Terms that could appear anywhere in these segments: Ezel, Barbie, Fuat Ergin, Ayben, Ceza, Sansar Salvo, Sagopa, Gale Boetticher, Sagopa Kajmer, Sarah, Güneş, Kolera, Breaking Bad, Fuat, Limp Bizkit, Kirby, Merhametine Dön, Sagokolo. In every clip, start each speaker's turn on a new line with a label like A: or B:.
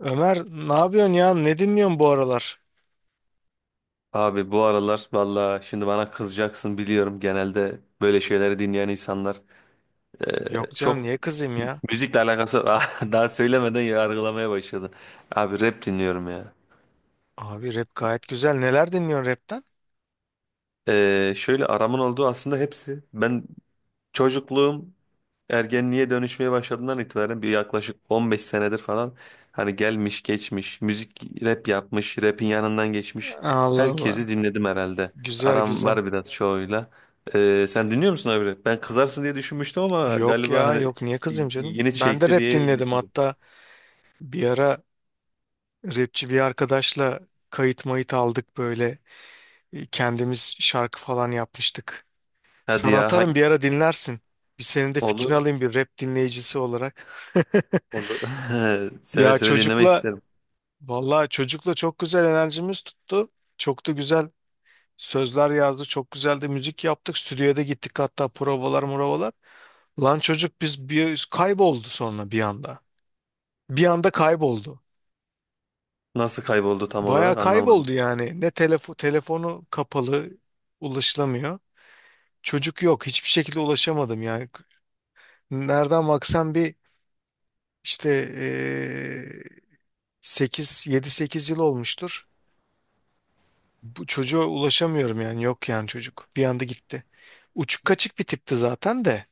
A: Ömer, ne yapıyorsun ya? Ne dinliyorsun bu aralar?
B: Abi bu aralar valla şimdi bana kızacaksın biliyorum, genelde böyle şeyleri dinleyen insanlar
A: Yok canım,
B: çok
A: niye kızayım ya?
B: müzikle alakası daha söylemeden yargılamaya başladı. Abi rap dinliyorum ya.
A: Abi rap gayet güzel. Neler dinliyorsun rapten?
B: Şöyle aramın olduğu aslında hepsi, ben çocukluğum ergenliğe dönüşmeye başladığından itibaren bir yaklaşık 15 senedir falan hani gelmiş geçmiş müzik rap yapmış rapin yanından geçmiş
A: Allah Allah.
B: herkesi dinledim herhalde.
A: Güzel
B: Aram
A: güzel.
B: var biraz çoğuyla. Sen dinliyor musun abi? Ben kızarsın diye düşünmüştüm ama
A: Yok
B: galiba
A: ya,
B: hani
A: yok, niye kızayım canım?
B: ilgini
A: Ben de
B: çekti
A: rap
B: diye
A: dinledim
B: düşündüm.
A: hatta bir ara, rapçi bir arkadaşla kayıt mayıt aldık böyle. Kendimiz şarkı falan yapmıştık.
B: Hadi
A: Sana
B: ya hangi...
A: atarım bir ara dinlersin. Bir senin de fikrini
B: Olur,
A: alayım bir rap dinleyicisi olarak.
B: olur. Seve
A: Ya
B: seve dinlemek
A: çocukla,
B: isterim.
A: vallahi çocukla çok güzel enerjimiz tuttu. Çok da güzel sözler yazdı, çok güzeldi, müzik yaptık, stüdyoya da gittik hatta, provalar muravalar. Lan çocuk biz bir kayboldu sonra bir anda. Bir anda kayboldu.
B: Nasıl kayboldu tam
A: Baya
B: olarak anlamadım.
A: kayboldu yani. Ne telefon, telefonu kapalı, ulaşılamıyor. Çocuk yok. Hiçbir şekilde ulaşamadım yani. Nereden baksan bir işte eee 8 7-8 yıl olmuştur. Bu çocuğa ulaşamıyorum yani, yok yani çocuk. Bir anda gitti. Uçuk kaçık bir tipti zaten de.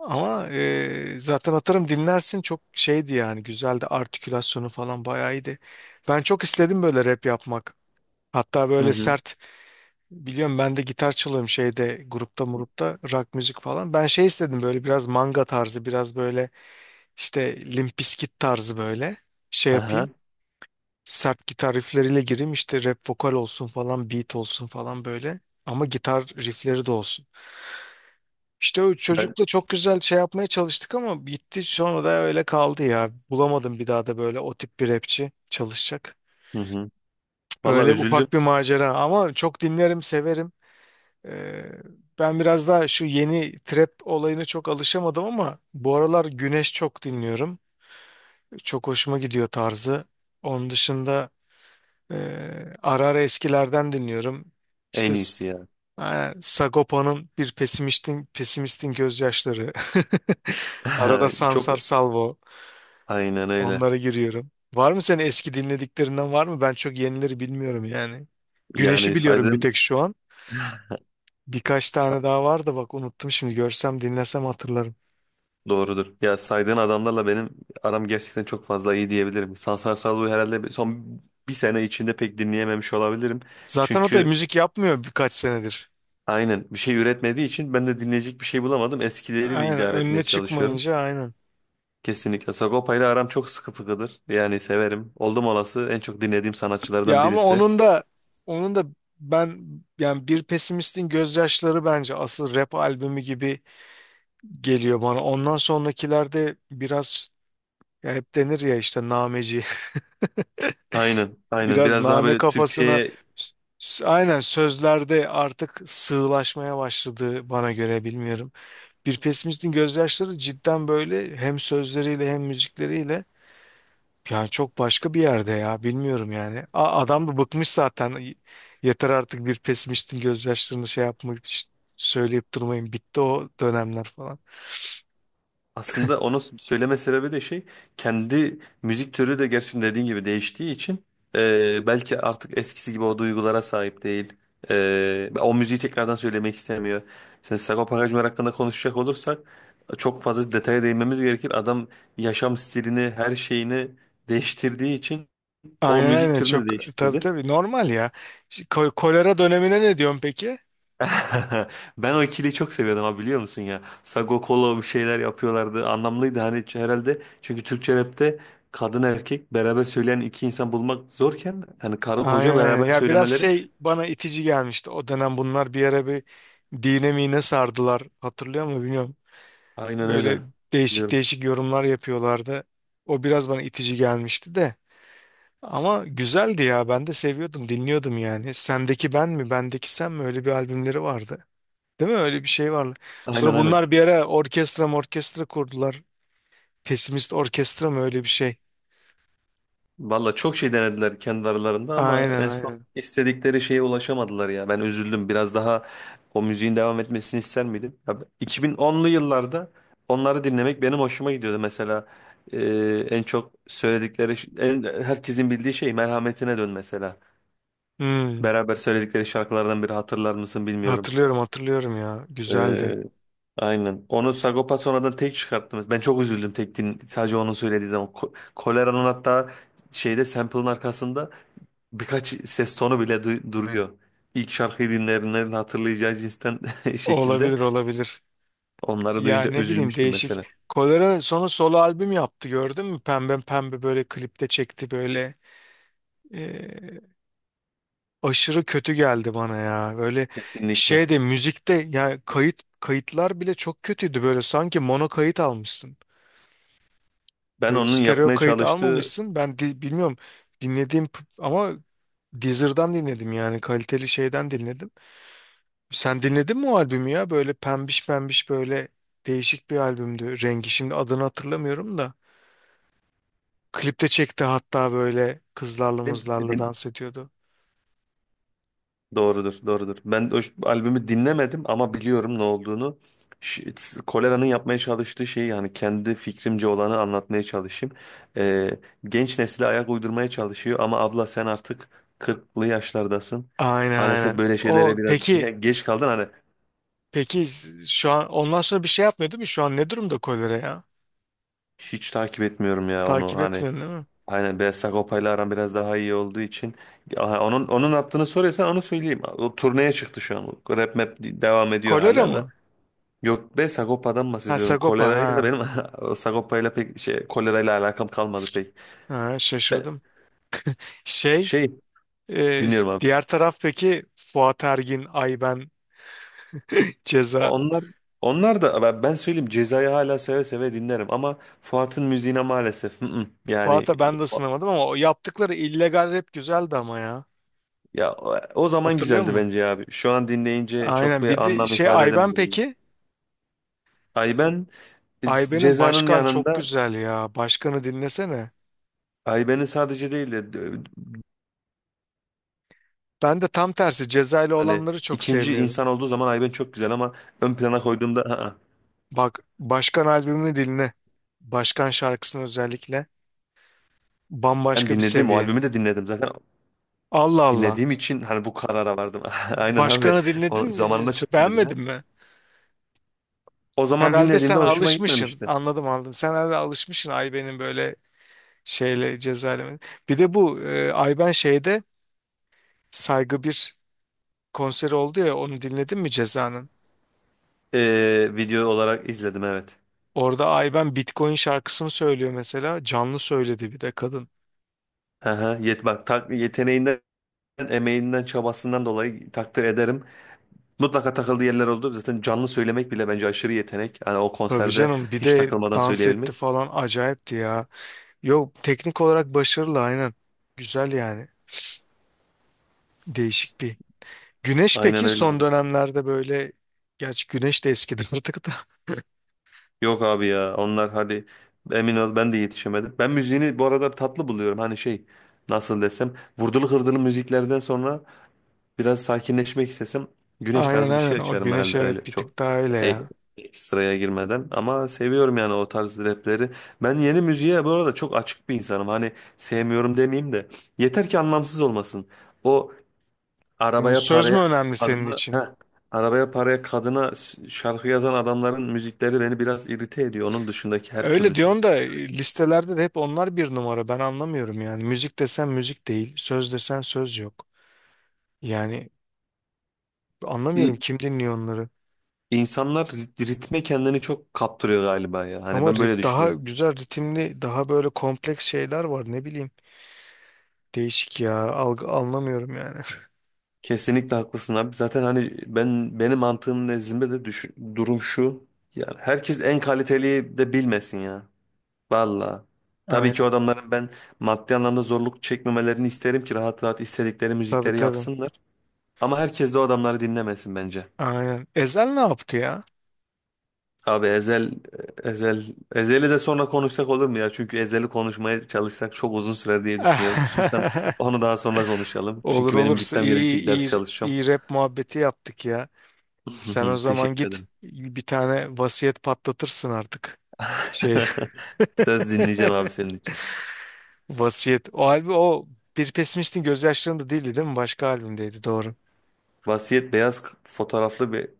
A: Ama zaten atarım dinlersin, çok şeydi yani, güzeldi, artikülasyonu falan bayağı iyiydi. Ben çok istedim böyle rap yapmak. Hatta
B: Hı
A: böyle
B: hı.
A: sert, biliyorum ben de gitar çalıyorum şeyde, grupta murupta, rock müzik falan. Ben şey istedim, böyle biraz manga tarzı, biraz böyle işte Limp Bizkit tarzı böyle şey yapayım.
B: Aha.
A: Sert gitar riffleriyle gireyim, işte rap vokal olsun falan, beat olsun falan böyle. Ama gitar riffleri de olsun. İşte o
B: Ben
A: çocukla çok güzel şey yapmaya çalıştık ama bitti, sonra da öyle kaldı ya. Bulamadım bir daha da böyle o tip bir rapçi çalışacak.
B: hı hı. Vallahi
A: Öyle ufak
B: üzüldüm.
A: bir macera ama çok dinlerim, severim. Ee, Ben biraz daha şu yeni trap olayına çok alışamadım ama bu aralar Güneş çok dinliyorum. Çok hoşuma gidiyor tarzı. Onun dışında e, ara ara eskilerden dinliyorum. İşte
B: En iyisi ya.
A: ha, Sagopa'nın Bir Pesimistin Gözyaşları. Arada
B: Çok
A: Sansar Salvo.
B: aynen öyle.
A: Onlara giriyorum. Var mı senin eski dinlediklerinden, var mı? Ben çok yenileri bilmiyorum yani. Güneş'i
B: Yani
A: biliyorum bir
B: saydığın
A: tek şu an. Birkaç
B: sa-
A: tane daha var da bak, unuttum şimdi. Görsem dinlesem hatırlarım.
B: doğrudur. Ya saydığın adamlarla benim aram gerçekten çok fazla iyi diyebilirim. Sansar Salvo'yu herhalde son bir sene içinde pek dinleyememiş olabilirim.
A: Zaten o da
B: Çünkü
A: müzik yapmıyor birkaç senedir.
B: aynen bir şey üretmediği için ben de dinleyecek bir şey bulamadım. Eskileriyle
A: Aynen,
B: idare
A: önüne
B: etmeye çalışıyorum.
A: çıkmayınca aynen.
B: Kesinlikle. Sagopa ile aram çok sıkı fıkıdır. Yani severim. Oldum olası en çok dinlediğim
A: Ya
B: sanatçılardan
A: ama
B: birisi.
A: onun da ben, yani Bir Pesimistin Gözyaşları bence asıl rap albümü gibi geliyor bana. Ondan sonrakilerde biraz, ya hep denir ya işte, nameci.
B: Aynen, aynen.
A: Biraz
B: Biraz daha
A: name
B: böyle
A: kafasına,
B: Türkiye'ye.
A: s- aynen sözlerde artık sığlaşmaya başladı bana göre, bilmiyorum. Bir Pesimistin Gözyaşları cidden böyle, hem sözleriyle hem müzikleriyle yani çok başka bir yerde ya, bilmiyorum yani. Adam da bıkmış zaten. Yeter artık Bir Pesimistin Gözyaşlarını şey yapmak, söyleyip durmayın. Bitti o dönemler falan.
B: Aslında onu söyleme sebebi de şey, kendi müzik türü de gerçekten dediğin gibi değiştiği için, belki artık eskisi gibi o duygulara sahip değil. O müziği tekrardan söylemek istemiyor. Sen Sagopa Kajmer hakkında konuşacak olursak çok fazla detaya değinmemiz gerekir. Adam yaşam stilini, her şeyini değiştirdiği için o
A: Aynen
B: müzik
A: aynen,
B: türünü de
A: çok tabii
B: değiştirdi.
A: tabii, normal ya. Kolera dönemine ne diyorsun peki?
B: Ben o ikiliyi çok seviyordum, ha biliyor musun ya? Sagokolo bir şeyler yapıyorlardı. Anlamlıydı hani herhalde. Çünkü Türkçe rapte kadın erkek beraber söyleyen iki insan bulmak zorken hani karı koca
A: Aynen aynen
B: beraber
A: ya, biraz
B: söylemeleri
A: şey bana itici gelmişti o dönem, bunlar bir ara bir dine mine sardılar, hatırlıyor musun bilmiyorum.
B: aynen öyle.
A: Böyle değişik
B: Biliyorum.
A: değişik yorumlar yapıyorlardı. O biraz bana itici gelmişti de, ama güzeldi ya, ben de seviyordum, dinliyordum yani. Sendeki Ben mi Bendeki Sen mi, öyle bir albümleri vardı. Değil mi, öyle bir şey vardı.
B: Aynen,
A: Sonra
B: aynen.
A: bunlar bir ara orkestra, orkestra kurdular. Pesimist Orkestra mı, öyle bir şey.
B: Valla çok şey denediler kendi aralarında ama
A: Aynen
B: en son
A: aynen.
B: istedikleri şeye ulaşamadılar ya. Ben üzüldüm. Biraz daha o müziğin devam etmesini ister miydim? 2010'lu yıllarda onları dinlemek benim hoşuma gidiyordu. Mesela e, en çok söyledikleri, en, herkesin bildiği şey Merhametine Dön mesela.
A: Hmm,
B: Beraber söyledikleri şarkılardan biri, hatırlar mısın bilmiyorum.
A: hatırlıyorum hatırlıyorum ya. Güzeldi.
B: E, aynen. Onu Sagopa sonradan tek çıkarttınız. Ben çok üzüldüm tek sadece onu söylediği zaman. Kolera'nın hatta şeyde sample'ın arkasında birkaç ses tonu bile duruyor. İlk şarkıyı dinleyenlerin hatırlayacağı cinsten şekilde
A: Olabilir olabilir.
B: onları
A: Ya
B: duyunca
A: ne bileyim,
B: üzülmüştüm
A: değişik.
B: mesela.
A: Kolera sonra solo albüm yaptı, gördün mü? Pembe pembe böyle klipte çekti böyle. Ee, aşırı kötü geldi bana ya. Böyle
B: Kesinlikle.
A: şeyde, müzikte ya, kayıt, kayıtlar bile çok kötüydü böyle. Sanki mono kayıt almışsın.
B: Ben
A: Böyle
B: onun
A: stereo
B: yapmaya
A: kayıt
B: çalıştığı...
A: almamışsın. Bilmiyorum, ama Deezer'dan dinledim yani, kaliteli şeyden dinledim. Sen dinledin mi o albümü ya? Böyle pembiş pembiş böyle, değişik bir albümdü rengi. Şimdi adını hatırlamıyorum da. Klipte çekti hatta, böyle kızlarla
B: Din-
A: mızlarla dans ediyordu.
B: doğrudur, doğrudur. Ben o albümü dinlemedim ama biliyorum ne olduğunu. Kolera'nın yapmaya çalıştığı şeyi yani kendi fikrimce olanı anlatmaya çalışayım. Ee, Genç nesile ayak uydurmaya çalışıyor ama abla sen artık 40'lı yaşlardasın.
A: Aynen
B: Maalesef
A: aynen.
B: böyle
A: O
B: şeylere biraz
A: peki,
B: geç kaldın hani.
A: peki şu an ondan sonra bir şey yapmıyor değil mi? Şu an ne durumda Kolera ya?
B: Hiç takip etmiyorum ya onu
A: Takip
B: hani,
A: etmiyorsun değil mi?
B: aynen. Beyaz Sagopa'yla aram biraz daha iyi olduğu için... Aha, onun yaptığını soruyorsan onu söyleyeyim. O turneye çıktı şu an. Rap map devam ediyor
A: Kolera
B: hala da.
A: mı?
B: Yok be, Sagopa'dan
A: Ha,
B: bahsediyorum.
A: Sagopa
B: Kolerayla
A: ha.
B: benim o Sagopa'yla pek şey, kolerayla alakam kalmadı pek.
A: Ha,
B: Ben
A: şaşırdım. Şey,
B: şey
A: e,
B: dinliyorum abi.
A: diğer taraf peki, Fuat Ergin, Ayben, Ceza.
B: Onlar onlar da ben söyleyeyim, Ceza'yı hala seve seve dinlerim ama Fuat'ın müziğine maalesef yani...
A: Fuat'a ben de sınamadım ama o yaptıkları illegal rap güzeldi ama ya.
B: Ya o o zaman
A: Hatırlıyor
B: güzeldi
A: musun?
B: bence ya abi. Şu an dinleyince çok
A: Aynen, bir
B: bir
A: de
B: anlam
A: şey,
B: ifade
A: Ayben
B: edemedim onu.
A: peki? Bu
B: Ayben
A: Ayben'in
B: Ceza'nın
A: Başkan çok
B: yanında
A: güzel ya. Başkanı dinlesene.
B: Ayben'in sadece değil de
A: Ben de tam tersi Cezayirli
B: hani
A: olanları çok
B: ikinci
A: sevmiyorum.
B: insan olduğu zaman Ayben çok güzel ama ön plana koyduğumda, "Aa,
A: Bak, Başkan albümünü dinle. Başkan şarkısını özellikle.
B: ben
A: Bambaşka bir
B: dinledim o
A: seviye.
B: albümü de dinledim zaten
A: Allah Allah.
B: dinlediğim için hani bu karara vardım." Aynen abi.
A: Başkanı
B: O
A: dinledin,
B: zamanında çok dinledim ya.
A: beğenmedin mi?
B: O zaman
A: Herhalde
B: dinlediğimde
A: sen
B: hoşuma
A: alışmışsın.
B: gitmemişti.
A: Anladım anladım. Sen herhalde alışmışsın Ayben'in böyle şeyle, cezaevine. Bir de bu Ayben şeyde, Saygı, bir konseri oldu ya, onu dinledin mi Ceza'nın?
B: Video olarak izledim, evet.
A: Orada Ayben Bitcoin şarkısını söylüyor mesela. Canlı söyledi bir de kadın.
B: Aha, yeteneğinden, emeğinden, çabasından dolayı takdir ederim. Mutlaka takıldığı yerler oldu. Zaten canlı söylemek bile bence aşırı yetenek. Hani o
A: Tabii
B: konserde
A: canım, bir
B: hiç
A: de
B: takılmadan
A: dans etti
B: söyleyebilmek.
A: falan, acayipti ya. Yok, teknik olarak başarılı aynen. Güzel yani. Değişik bir. Güneş
B: Aynen
A: peki
B: öyle
A: son
B: abi.
A: dönemlerde böyle, gerçi Güneş de eskidi artık da.
B: Yok abi ya, onlar hadi emin ol, ben de yetişemedim. Ben müziğini bu arada tatlı buluyorum. Hani şey, nasıl desem, vurdulu hırdılı müziklerden sonra biraz sakinleşmek istesem Güneş
A: Aynen
B: tarzı bir şey
A: aynen, o
B: açarım
A: Güneş
B: herhalde, öyle
A: evet bir
B: çok
A: tık daha öyle
B: e-
A: ya.
B: ekstraya girmeden. Ama seviyorum yani o tarz rapleri. Ben yeni müziğe bu arada çok açık bir insanım. Hani sevmiyorum demeyeyim de yeter ki anlamsız olmasın. O
A: Yani
B: Arabaya,
A: söz
B: paraya,
A: mü önemli senin
B: kadına,
A: için?
B: arabaya, paraya, kadına şarkı yazan adamların müzikleri beni biraz irite ediyor. Onun dışındaki her türlü
A: Öyle
B: söz
A: diyorsun da
B: mesela.
A: listelerde de hep onlar bir numara. Ben anlamıyorum yani. Müzik desen müzik değil, söz desen söz yok. Yani anlamıyorum
B: İ-
A: kim dinliyor onları.
B: İnsanlar ritme kendini çok kaptırıyor galiba ya. Hani
A: Ama
B: ben böyle
A: daha
B: düşünüyorum.
A: güzel ritimli, daha böyle kompleks şeyler var, ne bileyim. Değişik ya. Algı, anlamıyorum yani.
B: Kesinlikle haklısın abi. Zaten hani ben, benim mantığım nezdinde de durum şu. Yani herkes en kaliteliyi de bilmesin ya. Valla. Tabii ki o
A: Aynen,
B: adamların ben maddi anlamda zorluk çekmemelerini isterim ki rahat rahat istedikleri
A: tabii
B: müzikleri
A: tabii.
B: yapsınlar. Ama herkes de o adamları dinlemesin bence.
A: Aynen. Ezel ne yaptı ya?
B: Abi Ezel, Ezel'i de sonra konuşsak olur mu ya? Çünkü Ezel'i konuşmaya çalışsak çok uzun sürer diye düşünüyorum. İstiyorsan onu daha sonra konuşalım.
A: Olur,
B: Çünkü benim
A: olursa
B: gitmem
A: iyi
B: gerekecek, ders
A: iyi iyi
B: çalışacağım.
A: iyi, rap muhabbeti yaptık ya. Sen o zaman
B: Teşekkür
A: git
B: ederim.
A: bir tane Vasiyet patlatırsın artık. Şey,
B: Söz dinleyeceğim abi senin için.
A: Vasiyet. O albüm, o Bir Pesimistin Gözyaşlarında değildi değil mi? Başka albümdeydi, doğru.
B: Vasiyet, beyaz fotoğraflı bir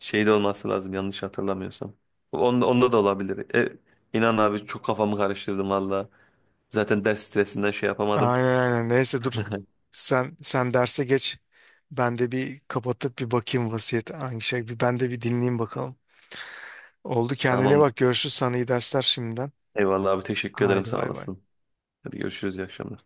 B: şeyde olması lazım yanlış hatırlamıyorsam. Onda, onda da olabilir. İnan abi çok kafamı karıştırdım valla. Zaten ders stresinden şey yapamadım.
A: Aynen aynen. Neyse dur, sen derse geç. Ben de bir kapatıp bir bakayım Vasiyet hangi şey. Bir ben de bir dinleyeyim bakalım. Oldu, kendine
B: Tamamdır.
A: bak, görüşürüz, sana iyi dersler şimdiden.
B: Eyvallah abi, teşekkür ederim,
A: Haydi
B: sağ
A: bay bay.
B: olasın. Hadi görüşürüz, iyi akşamlar.